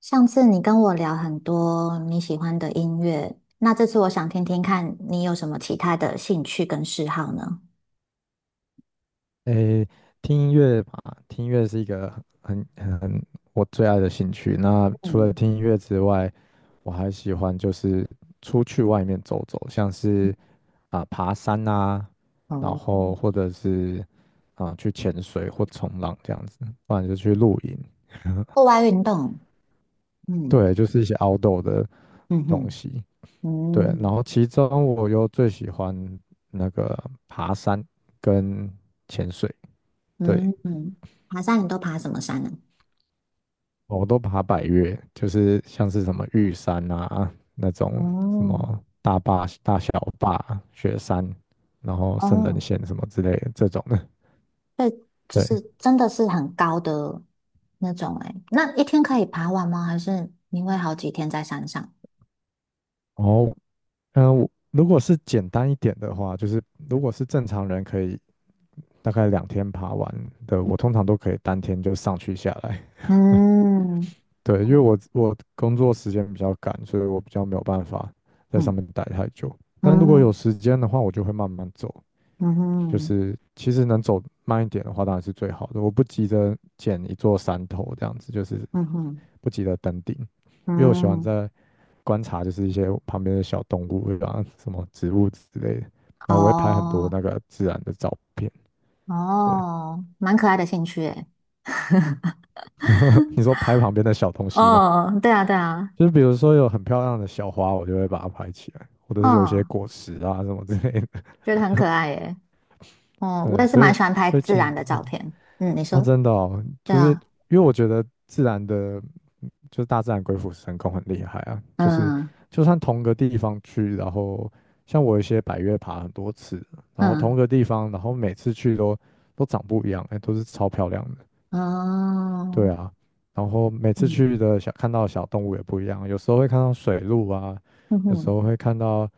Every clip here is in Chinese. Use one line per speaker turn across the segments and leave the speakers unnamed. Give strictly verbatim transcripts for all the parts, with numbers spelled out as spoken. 上次你跟我聊很多你喜欢的音乐，那这次我想听听看你有什么其他的兴趣跟嗜好呢？
诶，听音乐吧，听音乐是一个很很很我最爱的兴趣。那除了
嗯。
听音乐之外，我还喜欢就是出去外面走走，像是啊、爬山啊，然
哦。
后或者是啊、去潜水或冲浪这样子，不然就去露营。
户外运动，嗯。
对，就是一些 outdoor 的
嗯
东
哼。
西。对，然
嗯
后其中我又最喜欢那个爬山跟潜水。对，
嗯。嗯。爬山你都爬什么山呢？
哦，我都爬百岳，就是像是什么玉山啊那种什
哦。
么大坝、大小坝、雪山，然后圣人
哦，
线什么之类的这种的。
对，就
对，
是真的是很高的那种诶，那一天可以爬完吗？还是你会好几天在山上？
然后嗯、呃我如果是简单一点的话，就是如果是正常人可以大概两天爬完的，我通常都可以当天就上去下来。
嗯。
对，因为我我工作时间比较赶，所以我比较没有办法在上
嗯。
面待太久。但如果有
嗯。
时间的话，我就会慢慢走。
嗯。
就
嗯。
是其实能走慢一点的话，当然是最好的。我不急着捡一座山头这样子，就是
嗯。嗯。
不急着登顶，因为我喜欢
嗯。
在观察，就是一些旁边的小动物，对吧？什么植物之类的。然后我会拍很多
哦。
那个自然的照片。对，
哦，蛮可爱的兴趣诶。
你说拍旁边的小东西嘛，
哦，对啊对啊。
就是比如说有很漂亮的小花，我就会把它拍起来，或者是有一些
嗯，
果实啊什么之类的。
觉得很可爱耶。哦，我
对，
也是
所
蛮
以
喜欢拍
所以
自
其
然的
实
照片。嗯，你
哦，
说？
真的哦，
对
就是
啊。
因为我觉得自然的，嗯就是大自然鬼斧神工很厉害啊。就是
嗯。
就算同个地方去，然后像我有一些百越爬很多次，然后
嗯。
同个地方，然后每次去都都长不一样，哎，都是超漂亮的。对
哦。
啊，然后每次
嗯。
去的小看到的小动物也不一样，有时候会看到水鹿啊，
嗯
有时
哼。
候会看到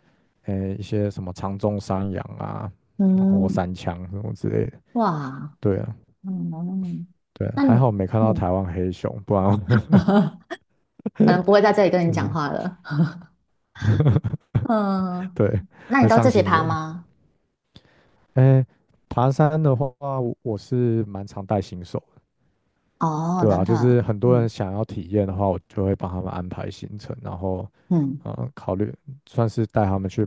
诶一些什么长鬃山羊啊，然后
嗯。
山羌什么之类的。
哇。
对啊。
嗯。
对，
那
还
你。
好没看到
嗯。
台湾黑熊，不然我
可能不会在这里 跟你
真
讲
的，
话了。嗯。
对，
那你
会
都
上
自己
新
爬
闻。
吗？
哎，爬山的话，我我是蛮常带新手的，
哦，
对
真
啊，就
的，
是很多人
嗯。
想要体验的话，我就会帮他们安排行程，然后
嗯。
嗯，考虑算是带他们去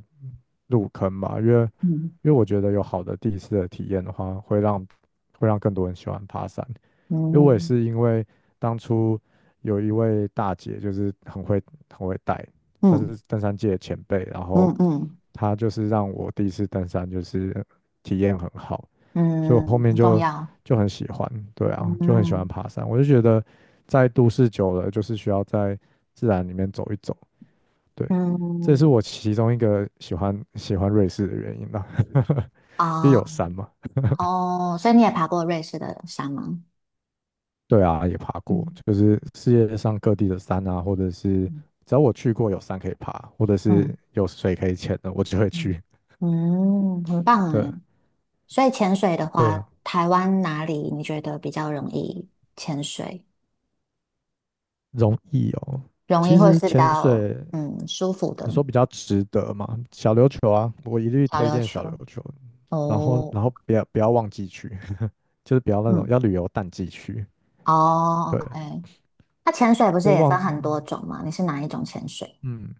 入坑吧，因为
嗯。
因为我觉得有好的第一次的体验的话，会让会让更多人喜欢爬山。因为我也
嗯。
是因为当初有一位大姐，就是很会很会带，算
嗯。
是登山界的前辈，然后
嗯。嗯。
她就是让我第一次登山就是体验很好，所以我后
嗯，
面
很重
就
要。
就很喜欢，对啊，就很喜欢
嗯。
爬山。我就觉得在都市久了，就是需要在自然里面走一走，对，这也
嗯。
是我其中一个喜欢喜欢瑞士的原因吧，因为
啊。
有山嘛。
哦，所以你也爬过瑞士的山吗？
对啊，也爬过，
嗯。
就是世界上各地的山啊，或者是
嗯。
只要我去过有山可以爬，或者是
嗯。
有水可以潜的，我就会
嗯，
去。
嗯，很棒
对，
哎。所以潜水的
对啊，
话，台湾哪里你觉得比较容易潜水？
容易哦。
容易
其
或
实
是比
潜
较
水，
嗯舒服
你
的。
说比较值得嘛？小琉球啊，我一律
小
推
琉
荐
球？
小琉球。然后，
哦。
然后不要不要旺季去，就是不要那种要
嗯。
旅游淡季去。
哦
对，
，OK。那潜水不是
因为
也
旺
分
季，
很多种吗？你是哪一种潜水？
嗯，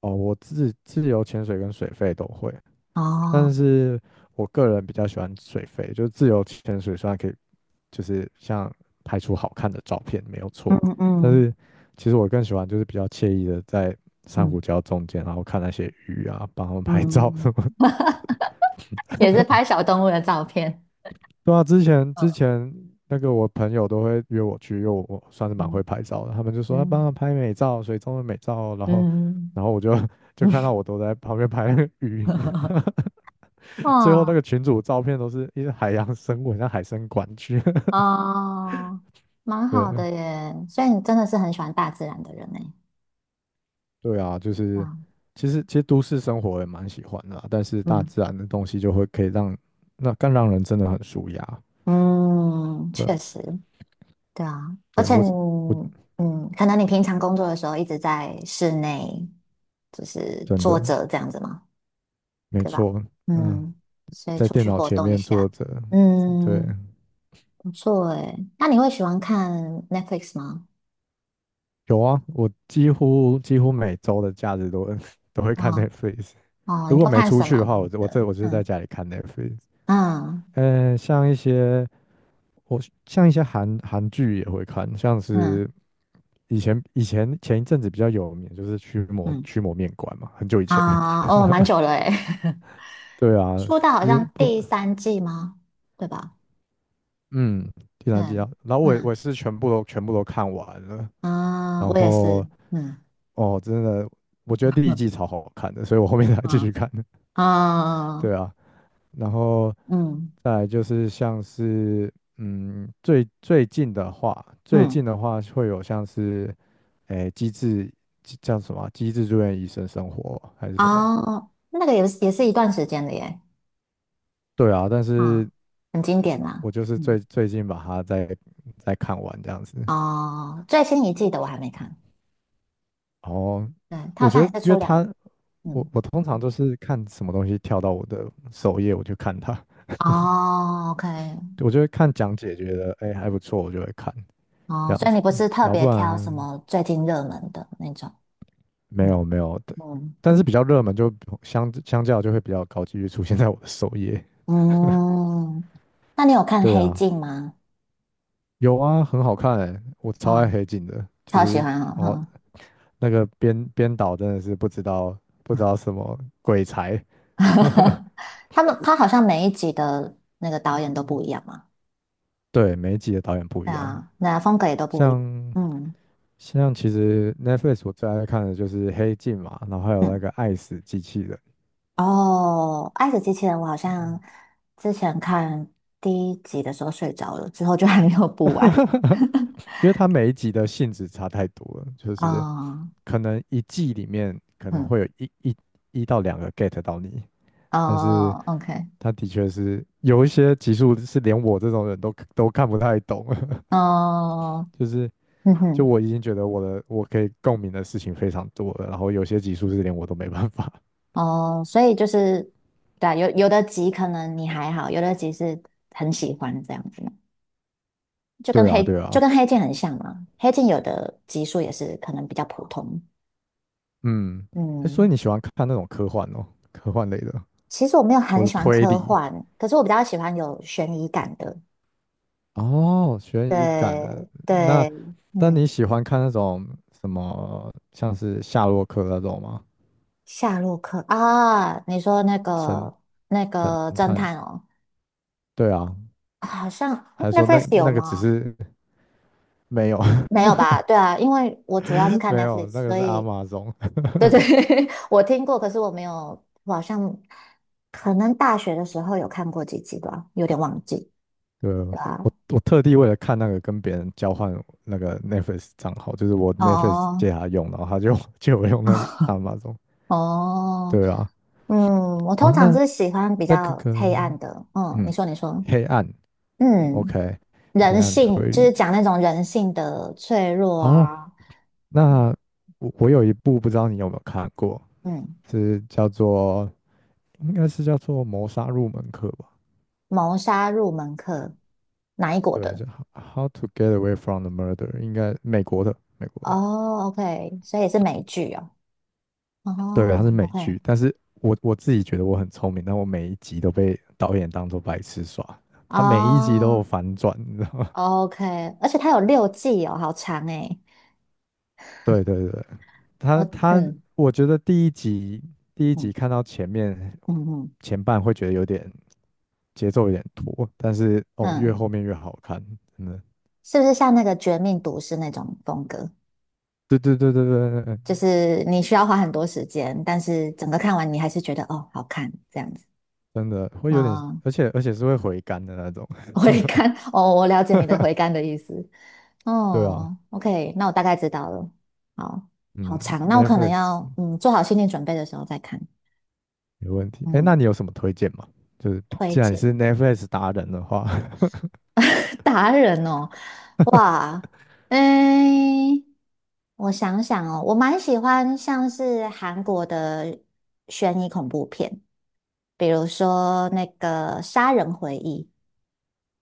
哦，我自自由潜水跟水肺都会。
哦。
但是我个人比较喜欢水肺，就是自由潜水，虽然可以就是像拍出好看的照片没有错，
嗯。
但
嗯。
是其实我更喜欢就是比较惬意的在珊瑚
嗯。
礁中间，然后看那些鱼啊，帮他们拍照
嗯。
什么。
也是拍小动物的照片。
对啊，之前之前那个我朋友都会约我去，因为我我算是蛮
嗯，
会拍照的，他们就说要帮
嗯。
他拍美照，水中的美照，然后
嗯。
然后我就 就看
嗯。
到我都在旁边拍那个鱼，最后
哇。
那个群主照片都是一些海洋生物，很像海参馆去。
哦，蛮好
对，
的耶。所以你真的是很喜欢大自然的人呢。
对啊，就
对
是
啊。
其实其实都市生活也蛮喜欢的啦，但是大
嗯。
自然的东西就会可以让那更让人真的很舒压。
嗯，
对，
确实，对啊。而
对，
且
我
你，
是我
嗯，可能你平常工作的时候一直在室内，就是
真
坐
的
着这样子嘛，
没
对吧？
错，嗯，
嗯，所以
在
出
电
去
脑
活
前
动一
面坐
下，
着，对，
嗯，不错诶。那你会喜欢看 Netflix 吗？
有啊，我几乎几乎每周的假日都会 都会看
哦。
Netflix。
哦，
如
你
果
都
没
看
出
什
去
么
的话，我
样
就我
的？
这我就是在
嗯。
家里看 Netflix。
嗯。
呃，像一些我像一些韩韩剧也会看，像
嗯。
是以前以前前一阵子比较有名，就是驱魔
嗯。
驱魔面馆嘛，很久以前。
啊，哦，蛮 久了诶，
对啊，
出道好
有
像
不
第三季吗？对吧？
嗯，第三季
嗯。
啊，然后我也
嗯。
我也是全部都全部都看完了，
啊，
然
我也
后
是，嗯。
哦，真的，我觉得第一
嗯。
季超好看的，所以我后面才继
啊。
续看的。对啊，然后
嗯。
再来就是像是嗯，最最近的话，最
嗯。
近的话会有像是。诶机制叫什么啊，机制住院医生生活还是什么？
哦，那个也是也是一段时间的耶，
对啊，但
啊，
是
很经典啦，
我就是
嗯。
最最近把它再再看完这样子。
哦，最新一季的我还没看，
哦，
对，它好
我觉
像
得，
也是
因
出
为
两，
它我
嗯。
我通常都是看什么东西跳到我的首页，我就看它，
哦，OK。
我就会看讲解，觉得哎还不错，我就会看这
哦，
样
所以
子。
你不是特
然后不
别挑什
然
么最近热门的那种？
没有，
嗯。
没有的，
嗯。
但是比较热门就相相较就会比较高几率出现在我的首页。
嗯。那你有看
对
《黑
啊，
镜》吗？
有啊，很好看诶，我超爱
嗯，
黑镜的，就
超喜
是
欢哦，
哦，
嗯。
那个编编导真的是不知道不知道什么鬼才，
他们他好像每一集的那个导演都不一样嘛，
对，每一集的导演不
对
一样，
啊，那风格也都不一样。
像
嗯。
像其实 Netflix 我最爱看的就是黑镜嘛，然后还有那
嗯。
个爱死机器人，
哦，《爱死机器人》我好像
嗯
之前看第一集的时候睡着了，之后就还没有补完。
因为它每一集的性质差太多了，就是
哦。
可能一季里面可能
嗯。
会有一一一到两个 get 到你，但是
哦，OK。
它的确是有一些集数是连我这种人都都看不太懂，
哦。
就是
嗯
就
哼。
我已经觉得我的我可以共鸣的事情非常多了，然后有些集数是连我都没办法。
哦，所以就是，对啊，有有的集可能你还好，有的集是很喜欢这样子嘛。就 跟
对啊，
黑
对
就
啊，
跟黑镜很像嘛。黑镜有的集数也是可能比较普通。
嗯，诶所以
嗯。
你喜欢看那种科幻哦，科幻类的，
其实我没有
或
很
者
喜欢
推
科
理
幻，可是我比较喜欢有悬疑感的。
哦，悬疑感的。
对
那
对。
那你
嗯。
喜欢看那种什么，像是夏洛克那种吗？
夏洛克啊，你说那
神
个那
神
个侦
探？
探哦，
对啊，
好像。诶
还是说那
Netflix 有
那个只
吗？
是 没有？
没有吧？对啊，因为我主要是看
没有，那
Netflix，
个
所
是阿
以
玛总。
对对，我听过，可是我没有，我好像可能大学的时候有看过几集吧，有点忘记，
对，
对
我
啊。
我特地为了看那个跟别人交换那个 Netflix 账号，就是我 Netflix
哦。
借他用，然后他就 借我用那个阿玛总。
哦。
对啊，
嗯，我
哦，
通常
那
是喜欢比
那个
较黑暗
个，
的，嗯，你
嗯，
说你说，
黑暗
嗯，
，OK，黑
人
暗
性
推
就是
理。
讲那种人性的脆弱
哦，
啊，
那我我有一部不知道你有没有看过，
嗯。
是叫做应该是叫做谋杀入门课吧？
谋杀入门课，哪一国
对，
的？
就 h How to Get Away from the Murder，应该美国的美国的。
哦，OK，所以是美剧哦，
对，它是
哦
美
，OK。
剧，但是我我自己觉得我很聪明，但我每一集都被导演当做白痴耍，他每一集都
哦，
有反转，你知道吗？
OK，而且它有六季哦，好长诶。
对，对，对，他
我。
他，
嗯。
我觉得第一集第一集
嗯。
看到前面
嗯。嗯。
前半会觉得有点节奏有点拖，但是哦，越
嗯。
后面越好看，真的，
是不是像那个《绝命毒师》那种风格？
对，对，对，对，对，对，对，
就是你需要花很多时间，但是整个看完你还是觉得哦好看这样子。
真的会有点，
啊、
而且而且是会回甘的那种，
回甘 哦，我了解你的回 甘的意思。
对啊，
哦。OK，那我大概知道了。好。好
嗯
长，那我可能
，Netflix
要嗯做好心理准备的时候再看。
没问题。哎，那
嗯。
你有什么推荐吗？就是
推
既然你是
荐
Netflix 达人的话，
达人哦，哇，诶。我想想哦，我蛮喜欢像是韩国的悬疑恐怖片，比如说那个《杀人回忆》，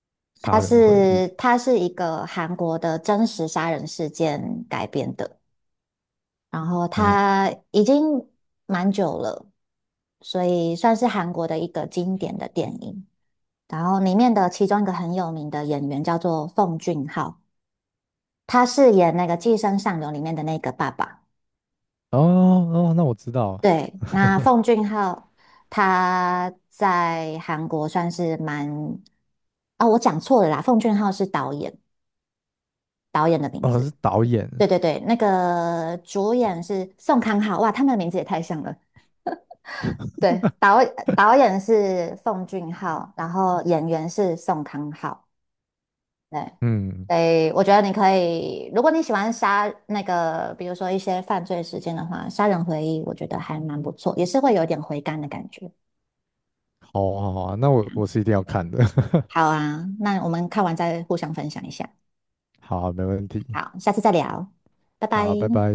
《杀
它
人回忆》。
是它是一个韩国的真实杀人事件改编的，然后
哦，
它已经蛮久了，所以算是韩国的一个经典的电影。然后里面的其中一个很有名的演员叫做奉俊昊，他饰演那个《寄生上流》里面的那个爸爸。
哦，哦，那我知道，
对，那奉俊昊他在韩国算是蛮……啊、我讲错了啦，奉俊昊是导演，导演的名
哦是
字。
导演。
对对对，那个主演是宋康昊，哇，他们的名字也太像了。对，导导演是奉俊昊，然后演员是宋康昊。对。
嗯，
对，我觉得你可以，如果你喜欢杀那个，比如说一些犯罪事件的话，《杀人回忆》我觉得还蛮不错，也是会有点回甘的感觉。
好啊，好啊，那我我是一定要看的。
好啊，那我们看完再互相分享一下。
好啊，没问题。
好，下次再聊，拜拜。
好，拜拜。